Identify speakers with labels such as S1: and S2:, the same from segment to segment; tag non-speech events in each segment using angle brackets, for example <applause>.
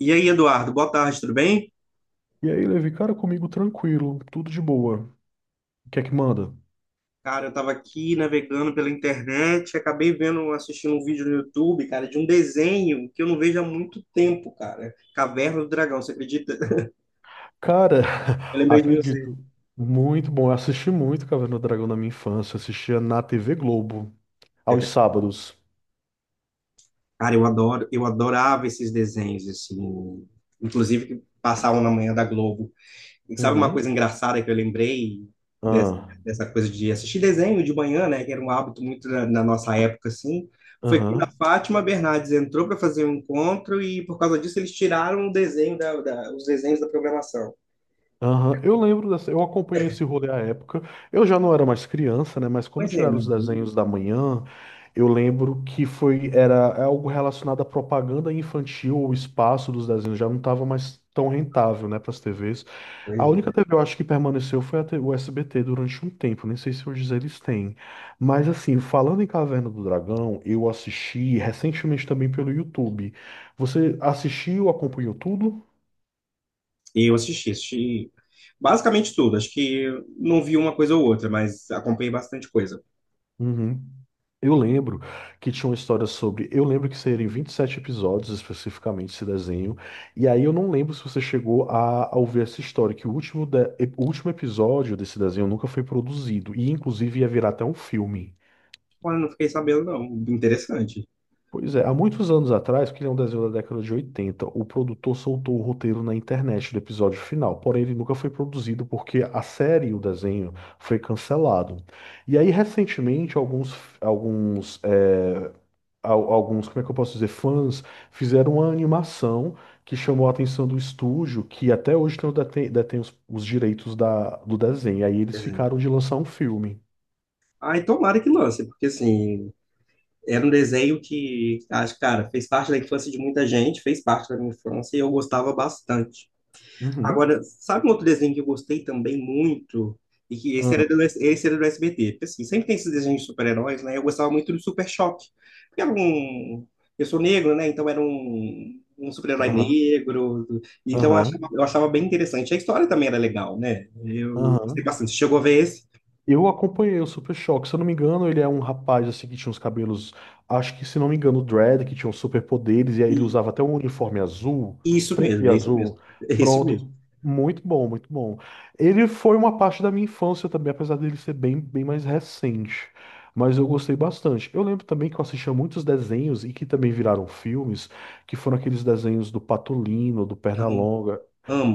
S1: E aí, Eduardo, boa tarde, tudo bem?
S2: E aí, Levi, cara, comigo tranquilo, tudo de boa. O que é que manda?
S1: Cara, eu tava aqui navegando pela internet, acabei vendo, assistindo um vídeo no YouTube, cara, de um desenho que eu não vejo há muito tempo, cara. Caverna do Dragão, você acredita? <laughs>
S2: Cara,
S1: Eu
S2: <laughs>
S1: lembrei de você.
S2: acredito. Muito bom. Eu assisti muito Caverna do Dragão na minha infância. Eu assistia na TV Globo,
S1: É
S2: aos
S1: verdade.
S2: sábados.
S1: Cara, eu adorava esses desenhos, assim, inclusive que passavam na manhã da Globo. E sabe uma coisa
S2: Uhum.
S1: engraçada que eu lembrei dessa,
S2: Ah,
S1: dessa coisa de assistir desenho de manhã, né? Que era um hábito muito na nossa época, assim. Foi quando a
S2: aham.
S1: Fátima Bernardes entrou para fazer um encontro e, por causa disso, eles tiraram o desenho da, da- os desenhos da programação.
S2: Aham, eu lembro dessa, eu acompanhei esse rolê à época. Eu já não era mais criança, né? Mas quando
S1: Pois é,
S2: tiraram os
S1: não.
S2: desenhos da manhã, eu lembro que foi era é algo relacionado à propaganda infantil, o espaço dos desenhos já não estava mais tão rentável, né, para as TVs.
S1: Pois
S2: A única
S1: é.
S2: TV eu acho que permaneceu foi a o SBT durante um tempo, nem sei se hoje eles têm. Mas assim, falando em Caverna do Dragão, eu assisti recentemente também pelo YouTube. Você assistiu, acompanhou tudo?
S1: E eu assisti basicamente tudo. Acho que não vi uma coisa ou outra, mas acompanhei bastante coisa.
S2: Uhum. Eu lembro que tinha uma história sobre. Eu lembro que seriam 27 episódios especificamente esse desenho. E aí eu não lembro se você chegou a ouvir essa história, que o último episódio desse desenho nunca foi produzido. E inclusive ia virar até um filme.
S1: Olha, não fiquei sabendo, não. Interessante.
S2: Pois é, há muitos anos atrás, porque ele é um desenho da década de 80, o produtor soltou o roteiro na internet do episódio final. Porém, ele nunca foi produzido porque a série, o desenho, foi cancelado. E aí, recentemente, alguns eh, alguns, como é que eu posso dizer, fãs, fizeram uma animação que chamou a atenção do estúdio, que até hoje não detém os direitos do desenho. Aí eles
S1: Desenho.
S2: ficaram de lançar um filme.
S1: Ai, tomara que lance, porque assim, era um desenho que, acho, cara, fez parte da infância de muita gente, fez parte da minha infância e eu gostava bastante.
S2: Uhum.
S1: Agora, sabe um outro desenho que eu gostei também muito? E que esse era
S2: Aham,
S1: do, esse era do SBT. Porque, assim, sempre tem esses desenhos de super-heróis, né? Eu gostava muito do Super Choque. Porque era um. Eu sou negro, né? Então era um super-herói
S2: aham,
S1: negro. Então eu
S2: aham,
S1: achava, eu achava bem interessante. A história também era legal, né? Eu gostei
S2: aham.
S1: bastante. Você chegou a ver esse?
S2: Eu acompanhei o Super Choque, se eu não me engano, ele é um rapaz assim que tinha uns cabelos, acho que se não me engano, dread, que tinha uns superpoderes, e aí ele
S1: E,
S2: usava até um uniforme azul,
S1: isso
S2: preto
S1: mesmo,
S2: e
S1: é esse mesmo.
S2: azul.
S1: <laughs> É esse mesmo.
S2: Pronto, muito bom, muito bom. Ele foi uma parte da minha infância também, apesar dele ser bem mais recente, mas eu gostei bastante. Eu lembro também que eu assistia muitos desenhos e que também viraram filmes, que foram aqueles desenhos do Patolino, do
S1: Ai,
S2: Pernalonga.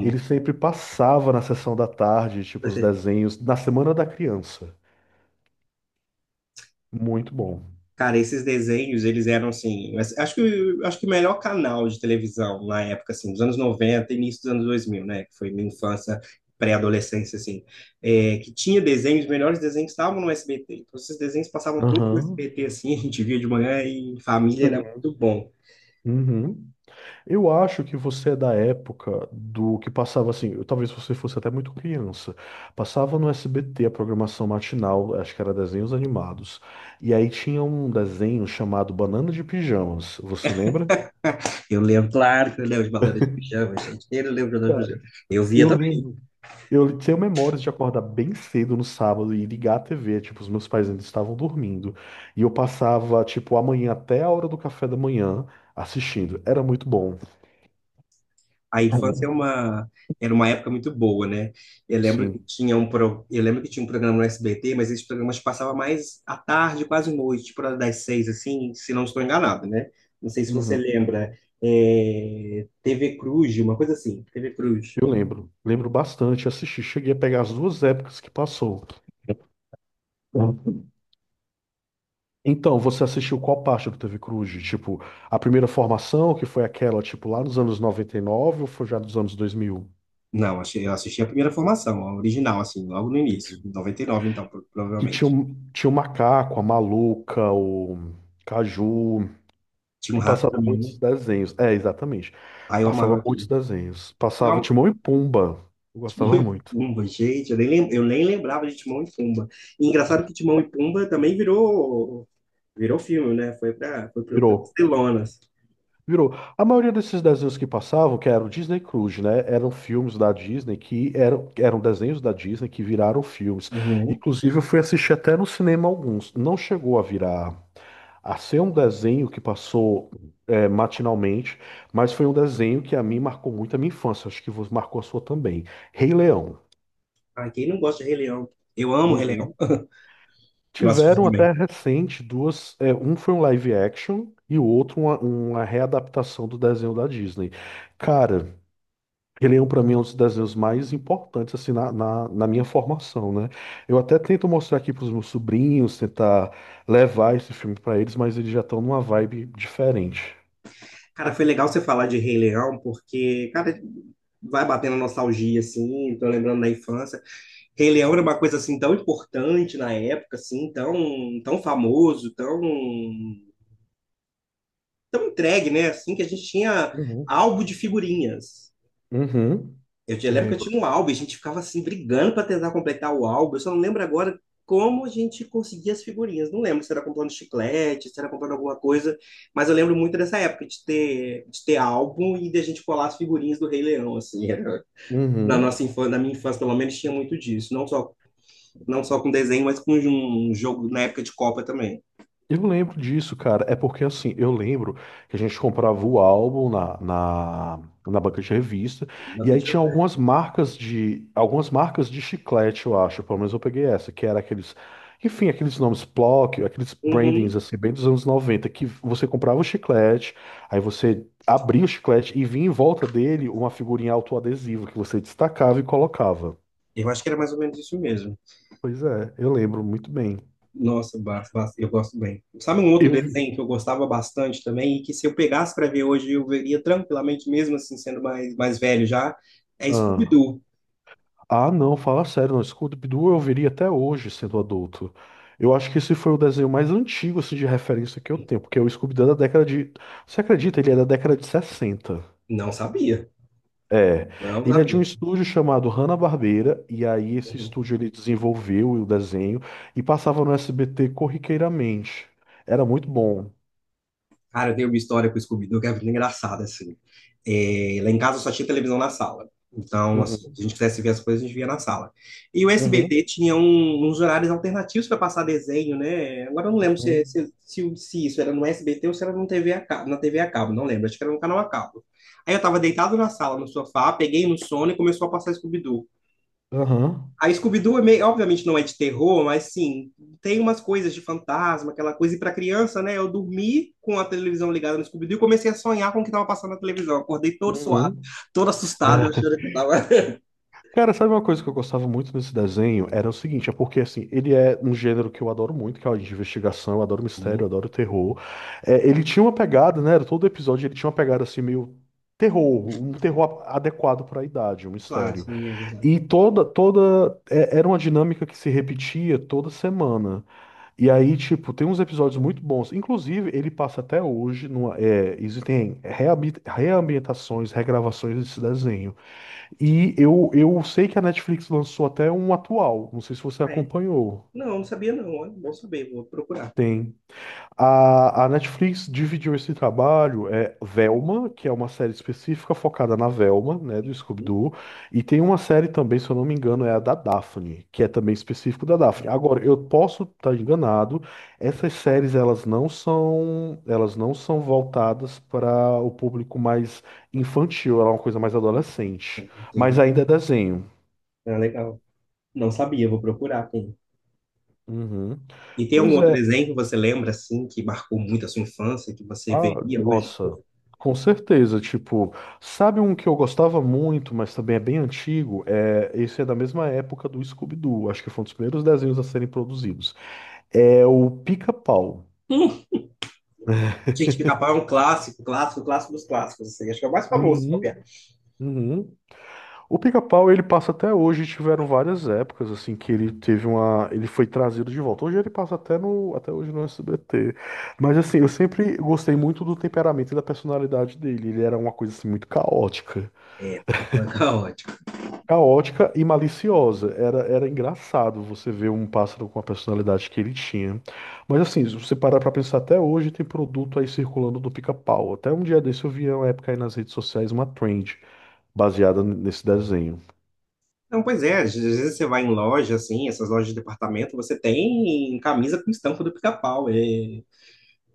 S2: Ele sempre passava na sessão da tarde, tipo, os desenhos, na Semana da Criança. Muito bom.
S1: Cara, esses desenhos, eles eram assim, mas acho que o melhor canal de televisão na época, assim, dos anos 90, início dos anos 2000, né, que foi minha infância, pré-adolescência, assim, que tinha desenhos, os melhores desenhos estavam no SBT. Então, esses desenhos passavam todos no
S2: Aham.
S1: SBT, assim, <laughs> a gente via de manhã e em família era
S2: Uhum.
S1: muito bom.
S2: Uhum. Eu acho que você é da época do que passava assim, talvez você fosse até muito criança. Passava no SBT a programação matinal, acho que era desenhos animados. E aí tinha um desenho chamado Banana de Pijamas, você lembra?
S1: Eu lembro, claro que eu lembro de Banana de Pijama, gente, eu lembro de Banana de
S2: Cara,
S1: Pijama. Eu via
S2: eu
S1: também.
S2: lembro. Eu tenho memórias de acordar bem cedo no sábado e ligar a TV, tipo, os meus pais ainda estavam dormindo. E eu passava, tipo, a manhã até a hora do café da manhã assistindo. Era muito bom.
S1: A infância era uma época muito boa, né? Eu lembro que
S2: Sim.
S1: tinha um programa no SBT, mas esses programas passavam mais à tarde, quase noite, por hora das 6, assim, se não estou enganado, né? Não sei se você
S2: Uhum.
S1: lembra. É, TV Cruz, uma coisa assim, TV Cruz.
S2: Eu lembro. Lembro bastante, assisti. Cheguei a pegar as duas épocas que passou. Então, você assistiu qual parte do TV Cruz? Tipo, a primeira formação, que foi aquela, tipo, lá nos anos 99 ou foi já dos anos 2000?
S1: Não, eu assisti a primeira formação, a original, assim, logo no início,
S2: Entendi.
S1: em 99, então,
S2: Que tinha,
S1: provavelmente.
S2: tinha o Macaco, a Maluca, o Caju,
S1: Tinha um
S2: e
S1: rato
S2: passava
S1: também, né?
S2: muitos desenhos. É, exatamente.
S1: Aí eu
S2: Passava
S1: amava
S2: muitos
S1: aquilo.
S2: desenhos. Passava Timão e Pumba. Eu gostava
S1: Timão e
S2: muito.
S1: Pumba, gente, eu nem lembrava de Timão e Pumba. E engraçado que Timão e Pumba também virou filme, né? Foi para as
S2: Virou.
S1: telonas.
S2: Virou. A maioria desses desenhos que passavam, que era o Disney Cruise, né? Eram filmes da Disney que eram desenhos da Disney que viraram filmes.
S1: Uhum.
S2: Inclusive, eu fui assistir até no cinema alguns. Não chegou a virar a ser um desenho que passou é, matinalmente, mas foi um desenho que a mim marcou muito a minha infância. Acho que marcou a sua também. Rei Leão.
S1: Ah, quem não gosta de Rei Leão? Eu amo Rei Leão.
S2: Uhum.
S1: Eu assisti
S2: Tiveram
S1: também.
S2: até recente duas. É, um foi um live action e o outro uma readaptação do desenho da Disney. Cara, Rei Leão pra mim é um dos desenhos mais importantes assim na minha formação, né? Eu até tento mostrar aqui pros meus sobrinhos, tentar levar esse filme pra eles, mas eles já estão numa vibe diferente.
S1: Cara, foi legal você falar de Rei Leão, porque, cara, vai batendo nostalgia, assim, tô lembrando da infância. Rei Leão era uma coisa, assim, tão importante na época, assim, tão, tão famoso, tão, tão entregue, né? Assim, que a gente tinha
S2: Uhum.
S1: álbum de figurinhas.
S2: Uhum.
S1: Eu lembro que eu
S2: Lembro.
S1: tinha um álbum, e a gente ficava assim brigando para tentar completar o álbum. Eu só não lembro agora como a gente conseguia as figurinhas. Não lembro se era comprando chiclete, se era comprando alguma coisa, mas eu lembro muito dessa época de ter, álbum e de a gente colar as figurinhas do Rei Leão, assim. <laughs> Na
S2: Uhum.
S1: nossa infância, na minha infância, pelo menos, tinha muito disso. Não só com desenho, mas com um jogo na época de Copa também.
S2: Eu lembro disso, cara. É porque assim, eu lembro que a gente comprava o álbum na banca de revista,
S1: Na
S2: e
S1: época
S2: aí tinha
S1: de-
S2: algumas marcas de chiclete, eu acho. Pelo menos eu peguei essa, que era aqueles, enfim, aqueles nomes Plock, aqueles
S1: Uhum.
S2: brandings assim, bem dos anos 90 que você comprava o chiclete, aí você abria o chiclete e vinha em volta dele uma figurinha autoadesiva que você destacava e colocava.
S1: Eu acho que era mais ou menos isso mesmo.
S2: Pois é, eu lembro muito bem.
S1: Nossa, eu gosto bem. Sabe um outro
S2: Eu
S1: desenho que eu gostava bastante também e que se eu pegasse para ver hoje eu veria tranquilamente, mesmo assim sendo mais, mais velho já? É
S2: Ah,
S1: Scooby-Doo.
S2: não, fala sério, não. Scooby-Doo eu veria até hoje sendo adulto. Eu acho que esse foi o desenho mais antigo assim, de referência que eu tenho, porque o Scooby-Doo é da década de. Você acredita? Ele é da década de sessenta.
S1: Não sabia,
S2: É.
S1: não
S2: Ele é de um
S1: sabia.
S2: estúdio chamado Hanna-Barbera, e aí esse estúdio ele desenvolveu o desenho e passava no SBT corriqueiramente. Era muito bom.
S1: Cara, eu tenho uma história com o Scooby-Doo que é muito engraçada, assim. É, lá em casa só tinha televisão na sala. Então, assim,
S2: Uhum,
S1: se a gente quisesse ver as coisas, a gente via na sala. E o
S2: uhum,
S1: SBT tinha uns horários alternativos para passar desenho, né? Agora eu não lembro se,
S2: uhum,
S1: se, se, se isso era no SBT ou se era no TV a cabo, na TV a cabo, não lembro. Acho que era no canal a cabo. Aí eu tava deitado na sala, no sofá, peguei no sono e começou a passar Scooby-Doo.
S2: aham,
S1: A Scooby-Doo, obviamente, não é de terror, mas sim, tem umas coisas de fantasma, aquela coisa. E para criança, né? Eu dormi com a televisão ligada no Scooby-Doo e comecei a sonhar com o que estava passando na televisão. Acordei todo suado,
S2: uhum.
S1: todo assustado, achando que estava.
S2: Cara, sabe uma coisa que eu gostava muito nesse desenho? Era o seguinte, é porque assim, ele é um gênero que eu adoro muito, que é o de investigação, eu adoro mistério, eu
S1: Hum.
S2: adoro terror. É, ele tinha uma pegada, né? era Todo episódio ele tinha uma pegada assim meio terror, um terror adequado para a idade, um
S1: Claro,
S2: mistério.
S1: sim, é verdade.
S2: E toda era uma dinâmica que se repetia toda semana. E aí, tipo, tem uns episódios muito bons. Inclusive, ele passa até hoje numa, é, existem reambientações, regravações desse desenho. E eu sei que a Netflix lançou até um atual, não sei se você
S1: É?
S2: acompanhou.
S1: Não, não sabia, não. Olha, bom saber, vou procurar.
S2: Tem. A Netflix dividiu esse trabalho, é Velma, que é uma série específica focada na Velma, né, do
S1: Hum.
S2: Scooby-Doo, e tem uma série também, se eu não me engano, é a da Daphne, que é também específico da Daphne. Agora, eu posso estar enganado, essas séries elas não são voltadas para o público mais infantil, ela é uma coisa mais adolescente, mas
S1: Entendi.
S2: ainda é desenho.
S1: Ah, legal. Não sabia, vou procurar. Tem.
S2: Uhum.
S1: E tem algum
S2: Pois
S1: outro
S2: é,
S1: desenho que você lembra, assim, que marcou muito a sua infância, que você
S2: ah,
S1: veria hoje?
S2: nossa, com certeza. Tipo, sabe um que eu gostava muito, mas também é bem antigo? É, esse é da mesma época do Scooby-Doo, acho que foi um dos primeiros desenhos a serem produzidos. É o Pica-Pau.
S1: <laughs> Gente, Pica-Pau é um clássico, clássico, clássico dos clássicos, assim. Acho que é o mais famoso, se bobear.
S2: Uhum, uhum. O Pica-Pau, ele passa até hoje, tiveram várias épocas, assim, que ele teve uma... Ele foi trazido de volta. Hoje ele passa até no... Até hoje no SBT. Mas, assim, eu sempre gostei muito do temperamento e da personalidade dele. Ele era uma coisa, assim, muito caótica.
S1: É, Pica-Pau é caótico.
S2: Caótica e maliciosa. Era, era engraçado você ver um pássaro com a personalidade que ele tinha. Mas assim, se você parar pra pensar, até hoje tem produto aí circulando do pica-pau. Até um dia desse eu vi uma época aí nas redes sociais uma trend baseada nesse desenho.
S1: Não, pois é, às vezes você vai em loja, assim, essas lojas de departamento, você tem camisa com estampa do Pica-Pau. É,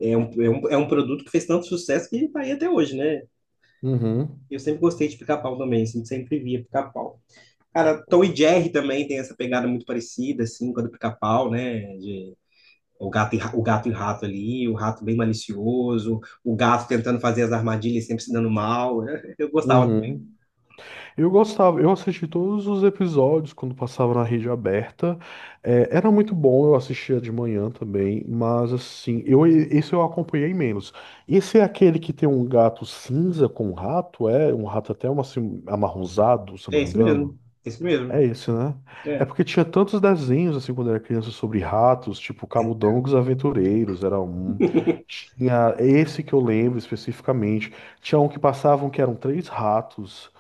S1: é, um, é, um, é um produto que fez tanto sucesso que tá aí até hoje, né?
S2: Uhum,
S1: Eu sempre gostei de Pica-Pau também, assim, sempre via Pica-Pau. Cara, Tom e Jerry também tem essa pegada muito parecida, assim, com a do Pica-Pau, né? De O gato e, ra- o gato e o rato ali, o rato bem malicioso, o gato tentando fazer as armadilhas e sempre se dando mal. <laughs> Eu gostava.
S2: uhum. Eu gostava, eu assisti todos os episódios quando passava na rede aberta. É, era muito bom, eu assistia de manhã também, mas assim, esse eu acompanhei menos. Esse é aquele que tem um gato cinza com um rato, é? Um rato até um, assim, amarronzado, se eu
S1: É
S2: não me
S1: isso
S2: engano.
S1: mesmo, é isso mesmo.
S2: É esse, né? É
S1: É,
S2: porque tinha tantos desenhos, assim, quando eu era criança, sobre ratos, tipo
S1: é,
S2: Camundongos Aventureiros, era um. Tinha esse que eu lembro especificamente. Tinha um que passavam que eram três ratos.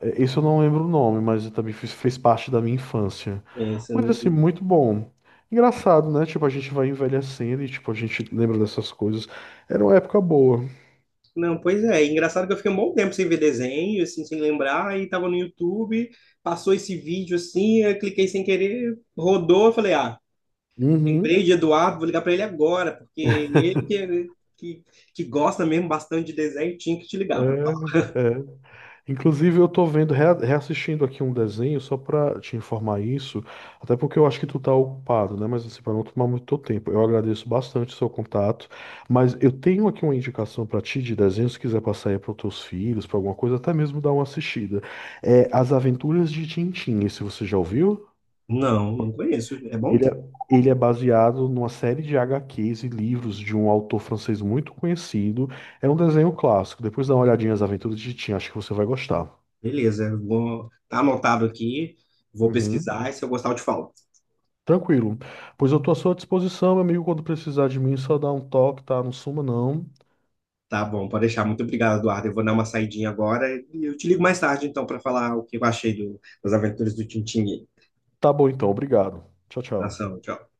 S2: É, isso eu não lembro o nome, mas também fez parte da minha infância.
S1: é, isso
S2: Mas
S1: não,
S2: assim, muito bom. Engraçado, né? Tipo, a gente vai envelhecendo e tipo, a gente lembra dessas coisas. Era uma época boa.
S1: não, pois é. Engraçado que eu fiquei um bom tempo sem ver desenho, assim, sem lembrar, e tava no YouTube, passou esse vídeo assim, eu cliquei sem querer, rodou, eu falei, ah, lembrei
S2: Uhum.
S1: de Eduardo, vou ligar pra ele agora, porque ele que, gosta mesmo bastante de desenho, tinha que te ligar pra falar.
S2: É, é. Inclusive, eu tô vendo, reassistindo aqui um desenho só pra te informar isso, até porque eu acho que tu tá ocupado, né? Mas assim, para não tomar muito teu tempo, eu agradeço bastante o seu contato, mas eu tenho aqui uma indicação pra ti de desenho, se quiser passar aí para teus filhos, pra alguma coisa, até mesmo dar uma assistida. É As Aventuras de Tintim, esse você já ouviu?
S1: Não, não conheço. É bom?
S2: Ele é, Ele é baseado numa série de HQs e livros de um autor francês muito conhecido. É um desenho clássico. Depois dá uma olhadinha nas Aventuras de Tintim, acho que você vai gostar.
S1: Beleza, vou, tá anotado aqui, vou
S2: Uhum.
S1: pesquisar e se eu gostar eu te falo.
S2: Tranquilo. Pois eu tô à sua disposição, meu amigo. Quando precisar de mim, é só dá um toque, tá? Não suma, não.
S1: Tá bom, pode deixar. Muito obrigado, Eduardo. Eu vou dar uma saidinha agora e eu te ligo mais tarde então para falar o que eu achei das aventuras do Tintin.
S2: Tá bom então, obrigado. Tchau, tchau.
S1: Ação, tchau.